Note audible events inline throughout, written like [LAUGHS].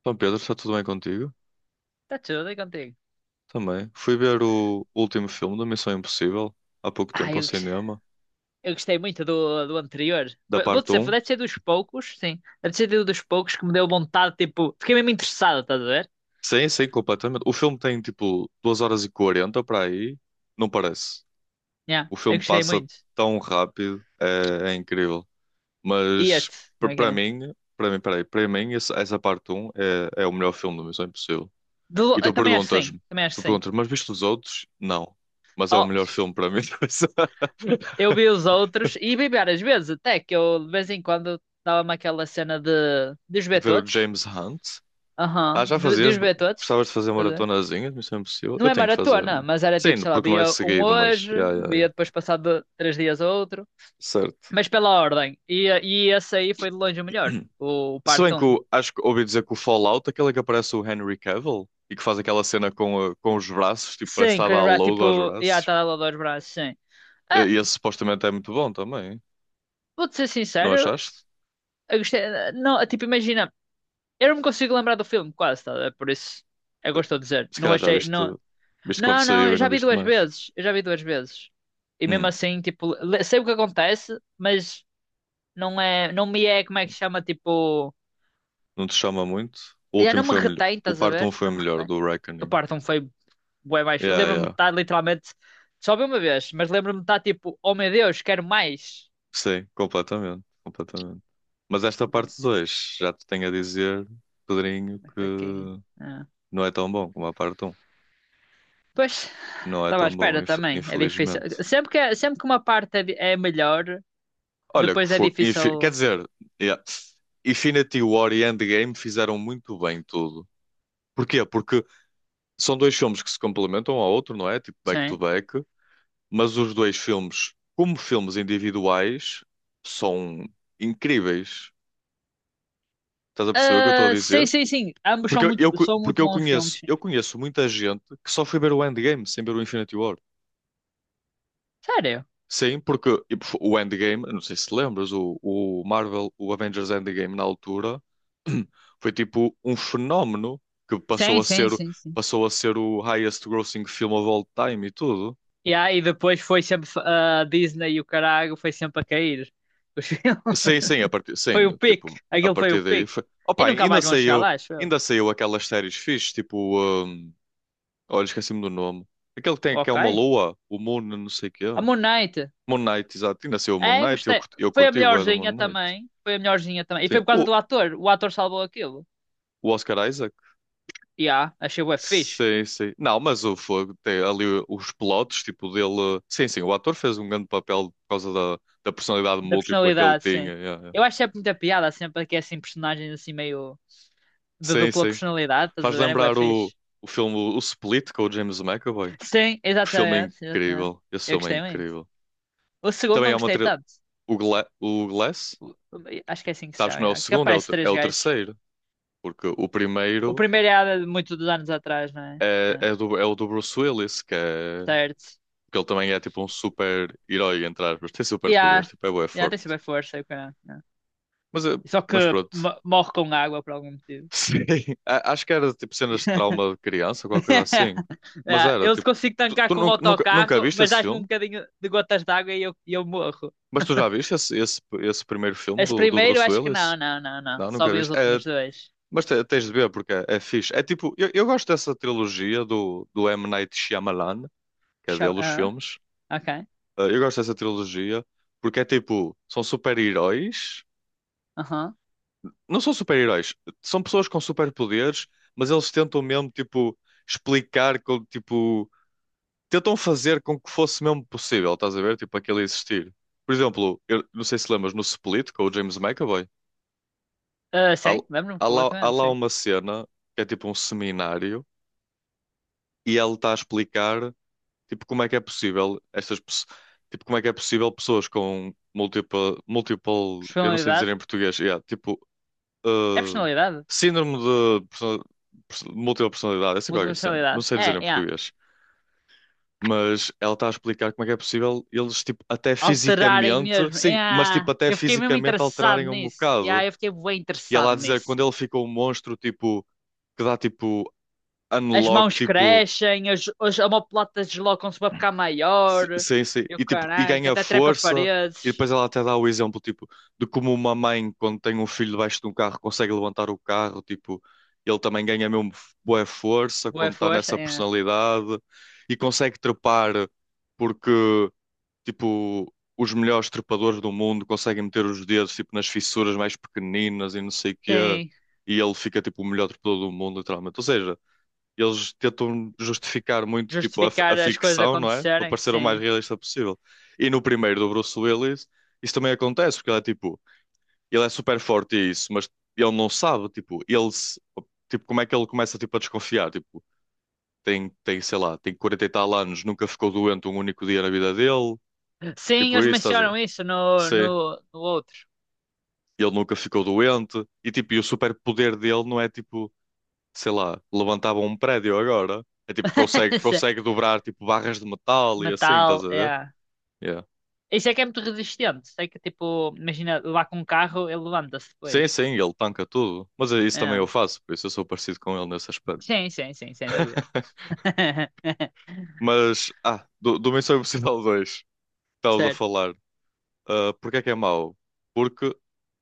Então, Pedro, está tudo bem contigo? Está tudo aí contigo. Também. Fui ver o último filme da Missão Impossível há pouco Ah, tempo ao eu, gos- cinema, eu gostei muito do anterior. da Vou parte dizer, um. deve ser dos poucos, sim. Deve ser dos poucos que me deu vontade, tipo, fiquei mesmo interessado, estás a ver? Sim, sim, completamente. O filme tem tipo 2h40 para aí. Não parece. Yeah, O eu filme gostei passa muito. tão rápido, é incrível. E Mas este, como é que para é? mim, peraí, para mim essa parte um é o melhor filme da Missão Impossível. E Eu também acho que sim, também acho que tu sim. perguntas, mas viste os outros? Não. Mas é o Oh, melhor filme para mim. [LAUGHS] eu vi os outros e vi várias vezes, até que eu de vez em quando dava-me aquela cena de os De ver ver o todos. James Hunt. Ah, Aham, já de fazias? os ver todos. Gostavas de fazer Estás a ver? maratonazinhas? Isso é impossível. Não Eu é tenho que fazer, não? maratona, É? mas era tipo, Sim, sei lá, porque não é via um seguido, mas. hoje, Ya, ya, via ya. depois passado três dias outro. Certo. Mas pela ordem. E esse aí foi de longe o melhor. O Se parte bem que 1. Acho que ouvi dizer que o Fallout, aquele que aparece o Henry Cavill e que faz aquela cena com os braços, tipo, parece que Sim, está com a os dar braços, load aos tipo... Yeah, braços. tá lá dois braços, sim. Ah, E esse supostamente é muito bom também. vou-te ser Não sincero. achaste? Eu gostei... Não, tipo, imagina. Eu não me consigo lembrar do filme, quase, tá? É por isso. Eu gosto de dizer. Se Não calhar já achei... viste, viste quando Não. saiu Eu e não já vi viste duas mais. vezes. Eu já vi duas vezes. E mesmo Hum, assim, tipo... Sei o que acontece, mas... Não é... Não me é, como é que se chama, tipo... não te chama muito? O Já último não me foi melhor. retém, O estás a parte 1 ver? foi Não me melhor retém. do Eu Reckoning. parto um feio bué mais. Feio. Yeah, Lembro-me de yeah. estar literalmente. Só vi uma vez, mas lembro-me de estar tipo, oh meu Deus, quero mais. Sim, completamente, completamente. Mas esta Não, parte 2 já te tenho a dizer, Pedrinho, é fraquinho. que Ah. não é tão bom como a parte um. Pois, Não é estava à tão bom, espera também. É difícil. infelizmente. Sempre que uma parte é melhor, Olha, que depois é foi, quer difícil. dizer, yeah, Infinity War e Endgame fizeram muito bem tudo. Porquê? Porque são dois filmes que se complementam um ao outro, não é? Tipo back to Sim. back, mas os dois filmes, como filmes individuais, são incríveis. Estás a perceber o que eu estou a Ah, sim, dizer? sim, sim. Ambos Porque eu co- são muito porque bons filmes. Sim. eu conheço muita gente que só foi ver o Endgame sem ver o Infinity War. Sério? Sim, porque o Endgame, eu não sei se lembras, o Marvel, o Avengers Endgame na altura [CLEARS THROAT] foi tipo um fenómeno que Sim, sim, sim, sim. passou a ser o highest grossing film of all time e tudo. Yeah, e aí depois foi sempre a Disney e o caralho foi sempre a cair. Os [LAUGHS] filmes. Sim, sim, Foi sim, o pique. tipo, a Aquilo foi partir o daí pique. foi. E Opa, nunca mais vão chegar lá, acho eu. ainda saiu aquelas séries fixe, tipo, olha, esqueci-me do nome. Aquele que tem que é uma Ok. lua, o Moon, não sei o quê. A Moon Knight. Moon Knight, exato. E nasceu o Moon É, Knight, gostei. Eu Foi a curti o do Moon melhorzinha Knight. também. Foi a melhorzinha também. E Sim, foi por causa o, do ator. O ator salvou aquilo. o Oscar Isaac. E yeah, achei bué fixe. Sim, sim. Não, mas o fogo tem ali os plotos, tipo dele. Sim, sim, o ator fez um grande papel por causa da personalidade Da múltipla que ele personalidade, tinha. sim. Yeah, yeah. Eu acho sempre muita piada, sempre que é assim personagens assim meio de Sim, dupla sim. personalidade, estás Faz a ver? É bué lembrar o, fixe. o filme O Split com o James McAvoy. Sim, Que filme exatamente, exatamente. incrível. Esse Eu filme é gostei muito. incrível. O segundo Também não é uma. gostei tri- tanto. O, Gla... o Glass, O- o- Acho que é assim que se sabes que chama, não é o yeah. Que segundo, é aparece três o gajos. terceiro. Porque o O primeiro primeiro é muito dos anos atrás, não é? é o do Bruce Willis, que é Certo. Porque ele também é tipo um super herói, entre aspas. [LAUGHS] Tem E super poderes, yeah, tipo, é bué tem forte. super força. E caralho, yeah. Mas, eh, Só que mas pronto. Morre com água por algum motivo. [LAUGHS] Sim. Acho que era tipo cenas de trauma de criança, qualquer coisa assim. [LAUGHS] Mas Yeah. era Eu tipo. consigo Tu, tancar tu com o nunca, nunca, nunca autocarro, viste mas esse dás-me um filme? bocadinho de gotas de água e eu morro. Mas tu já viste esse, esse primeiro filme Esse do primeiro, Bruce acho que Willis? não, não. Não, Só nunca vi os viste? É, últimos dois. mas tens de ver porque é fixe. É tipo. Eu gosto dessa trilogia do M. Night Shyamalan, que é dele os Ah, filmes. ok. Eu gosto dessa trilogia porque é tipo. São super-heróis. Aham. Não são super-heróis, são pessoas com superpoderes, mas eles tentam mesmo, tipo, explicar, como, tipo, tentam fazer com que fosse mesmo possível, estás a ver? Tipo, aquele existir. Por exemplo, eu não sei se lembras, no Split, com o James McAvoy, Ah, há, sim, lembro-me há completamente, lá sim. uma cena que é tipo um seminário e ele está a explicar, tipo, como é que é possível estas pessoas, tipo, como é que é possível pessoas com múltipla, multiple, eu não sei dizer Personalidade. em português, yeah, tipo, É uh, personalidade? síndrome de múltipla personalidade, essa é Múltipla qualquer cena. Não personalidade. sei dizer em É, é português. Mas ela está a explicar como é que é possível eles, tipo, até alterarem fisicamente, mesmo. sim, mas Yeah. tipo, até Eu fiquei mesmo fisicamente interessado alterarem um nisso. Yeah, bocado. eu fiquei bem E ela interessado a dizer que nisso. quando ele ficou um monstro, tipo, que dá tipo As unlock, mãos tipo. crescem, as omoplatas deslocam-se para ficar maior. Sim, sim. Eu, E, tipo, e caraca, ganha até trepa força. E paredes. depois ela até dá o exemplo, tipo, de como uma mãe, quando tem um filho debaixo de um carro, consegue levantar o carro, tipo, ele também ganha mesmo boa força quando Boa está força, nessa é. personalidade e consegue trepar porque, tipo, os melhores trepadores do mundo conseguem meter os dedos, tipo, nas fissuras mais pequeninas e não sei o quê, Sim. e ele fica, tipo, o melhor trepador do mundo, literalmente. Ou seja, eles tentam justificar muito tipo a Justificar as coisas ficção, não é? Para acontecerem, parecer o mais sim. realista possível. E no primeiro do Bruce Willis, isso também acontece, porque ele é tipo, ele é super forte e isso, mas ele não sabe, tipo, ele se- tipo, como é que ele começa tipo a desconfiar, tipo, tem, sei lá, tem 40 e tal anos, nunca ficou doente um único dia na vida dele, Sim, tipo eles isso, estás a... mencionam isso Sim, no outro. ele nunca ficou doente e tipo, o superpoder dele não é tipo sei lá, levantavam um prédio agora. É tipo, consegue, [LAUGHS] Sim. consegue dobrar tipo barras de metal e assim, estás Metal, a ver? é. Yeah. Isso é que é muito resistente. Sei que, tipo, imagina, lá com um carro, ele levanta-se Sim, depois. sim, ele tanca tudo. Mas é isso também É. eu faço, por isso eu sou parecido com ele nesse aspecto. Sim, sim, sim, sem dúvida. [LAUGHS] [LAUGHS] Mas, do Missão Impossível 2, que estavas a Certo. falar. Ah, porque é que é mau? Porque,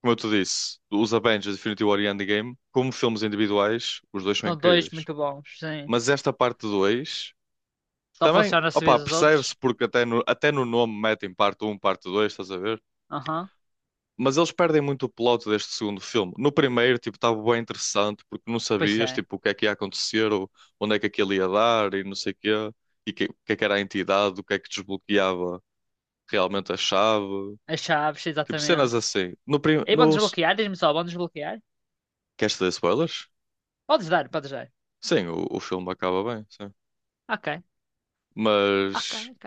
como eu te disse, os Avengers Infinity War e Endgame, como filmes individuais, os dois são São dois incríveis. muito bons, sim. Mas esta parte 2 Só também, funciona se opa, vês os outros. percebe-se porque até no nome metem parte um, parte dois, estás a ver? Aham. Mas eles perdem muito o plot deste segundo filme. No primeiro, tipo, estava bem interessante, porque não Pois sabias, é. tipo, o que é que ia acontecer, ou onde é que aquilo ia dar, e não sei o quê, e o que é que era a entidade, o que é que desbloqueava realmente a chave. As chaves, Tipo, cenas exatamente. assim. No, prim... E vão no... desbloquear? Diz-me só, vão desbloquear? Queres ter spoilers? Podes dar, podes dar. Sim, o filme acaba bem, sim. Ok, Mas ok.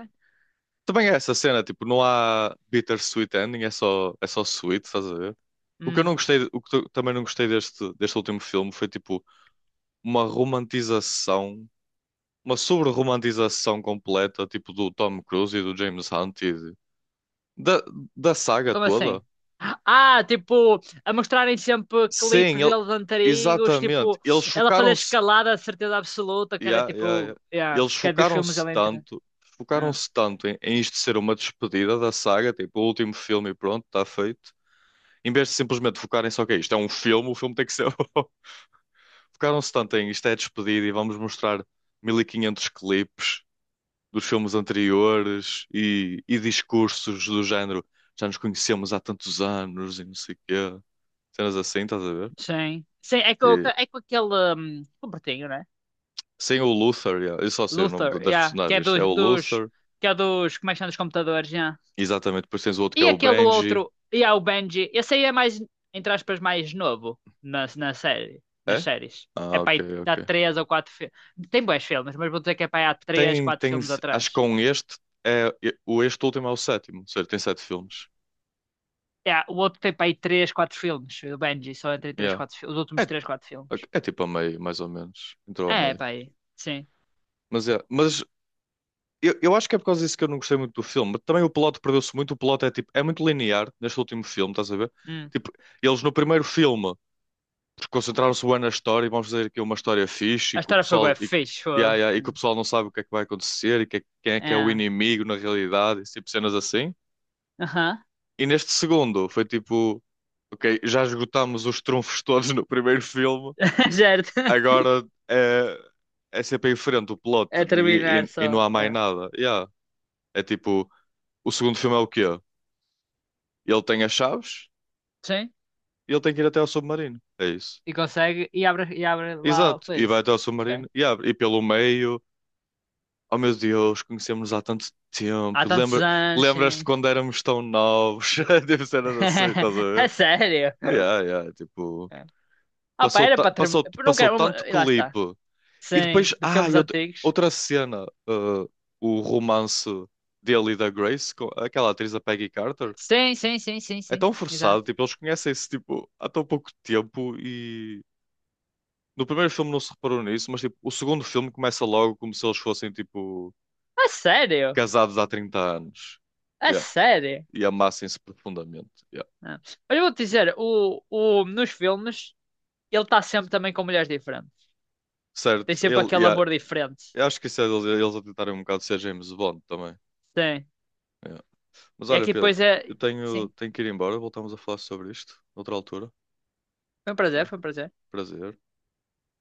também é essa cena, tipo, não há bittersweet ending, é só sweet, estás a ver? O que eu não Hum, gostei, o que eu também não gostei deste último filme foi, tipo, uma romantização uma sobre-romantização completa, tipo do Tom Cruise e do James Hunt e da, da saga como assim? toda. Ah, tipo, a mostrarem sempre Sim, clipes deles antigos, exatamente. tipo, Eles ela fazer chocaram-se. escalada de certeza absoluta, que era Yeah, yeah, yeah. tipo, yeah, Eles porque é dos filmes ela entra. Ah, chocaram-se tanto em isto ser uma despedida da saga, tipo o último filme e pronto, está feito. Em vez de simplesmente focarem só que é isto, é um filme, o filme tem que ser. [LAUGHS] Focaram-se tanto em isto é despedida e vamos mostrar 1.500 clipes dos filmes anteriores e discursos do género já nos conhecemos há tantos anos e não sei o quê. Cenas assim, estás a ver? sim, sim, E, é com aquele um, com o Bertinho, né? sem o Luther, yeah, eu só sei o nome Luther, das yeah, que é personagens. É o dos, Luther, que é dos, como é que chama, dos computadores, yeah. exatamente. Depois tens o outro que é E o aquele Benji. outro, e há o Benji. Esse aí é mais, entre aspas, mais novo na série, nas É? séries. É Ah, para ok, aí dá ok. 3 ou 4 filmes. Tem bons filmes, mas vou dizer que é para aí há três Tem, quatro tem, filmes acho que atrás. É, o este último é o sétimo, ou seja, tem sete filmes. É, o outro tem para aí 3, 4 filmes. O Benji só entre três Yeah. 4 os É, últimos 3 4 filmes. é tipo a meio, mais ou menos. Entrou a É, é meio. para aí. Sim. Mas eu acho que é por causa disso que eu não gostei muito do filme. Também o plot perdeu-se muito. O plot é tipo, é muito linear neste último filme, estás a ver? Hum. Tipo, eles no primeiro filme concentraram-se bem na história e vamos fazer aqui uma história fixe A e que o história foi pessoal bem fixe. e, Foi. ah, e, ah, e que o Hum. pessoal não sabe o que é que vai acontecer e que quem é que é o É. inimigo na realidade, esse tipo de cenas assim. Aham. E neste segundo foi tipo, ok, já esgotámos os trunfos [LAUGHS] todos no primeiro filme, [LAUGHS] Certo. agora é, é, sempre em frente o plot É e, terminar e, e não só. há mais É. nada. Yeah. É tipo. O segundo filme é o quê? Ele tem as chaves Sim. e ele tem que ir até ao submarino. É isso. E consegue. E abre lá o Exato. E coisa. vai até ao Ok. submarino e abre. E pelo meio, oh meu Deus, conhecemos-nos há tanto Há tempo. tantos Lembra, anos, lembras-te sim. quando éramos tão novos? [LAUGHS] Deve ser assim, estás a [LAUGHS] É ver? sério? Yeah, yeah, tipo, É. Ah, pá, era para não passou quero. tanto E lá está. clipe. E Sim, depois, de filmes antigos. outra cena, o romance dele e da Grace, com aquela atriz, a Peggy Carter. Sim, sim, sim, sim, É sim. tão forçado, Exato. tipo, eles conhecem-se tipo, há tão pouco tempo e no primeiro filme não se reparou nisso, mas tipo, o segundo filme começa logo como se eles fossem tipo É sério? casados há 30 anos. É Yeah. sério? E amassem-se profundamente. Yeah. Ah. Mas eu vou-te dizer, nos filmes, ele está sempre também com mulheres diferentes. Certo, Tem sempre ele, aquele yeah. amor diferente. Eu acho que isso é eles a tentarem um bocado ser James Bond também. Sim. Yeah. Mas E olha, aqui Pedro, depois é. eu Sim. tenho que ir embora, voltamos a falar sobre isto noutra altura. Foi um prazer, Tá? foi um prazer. Prazer.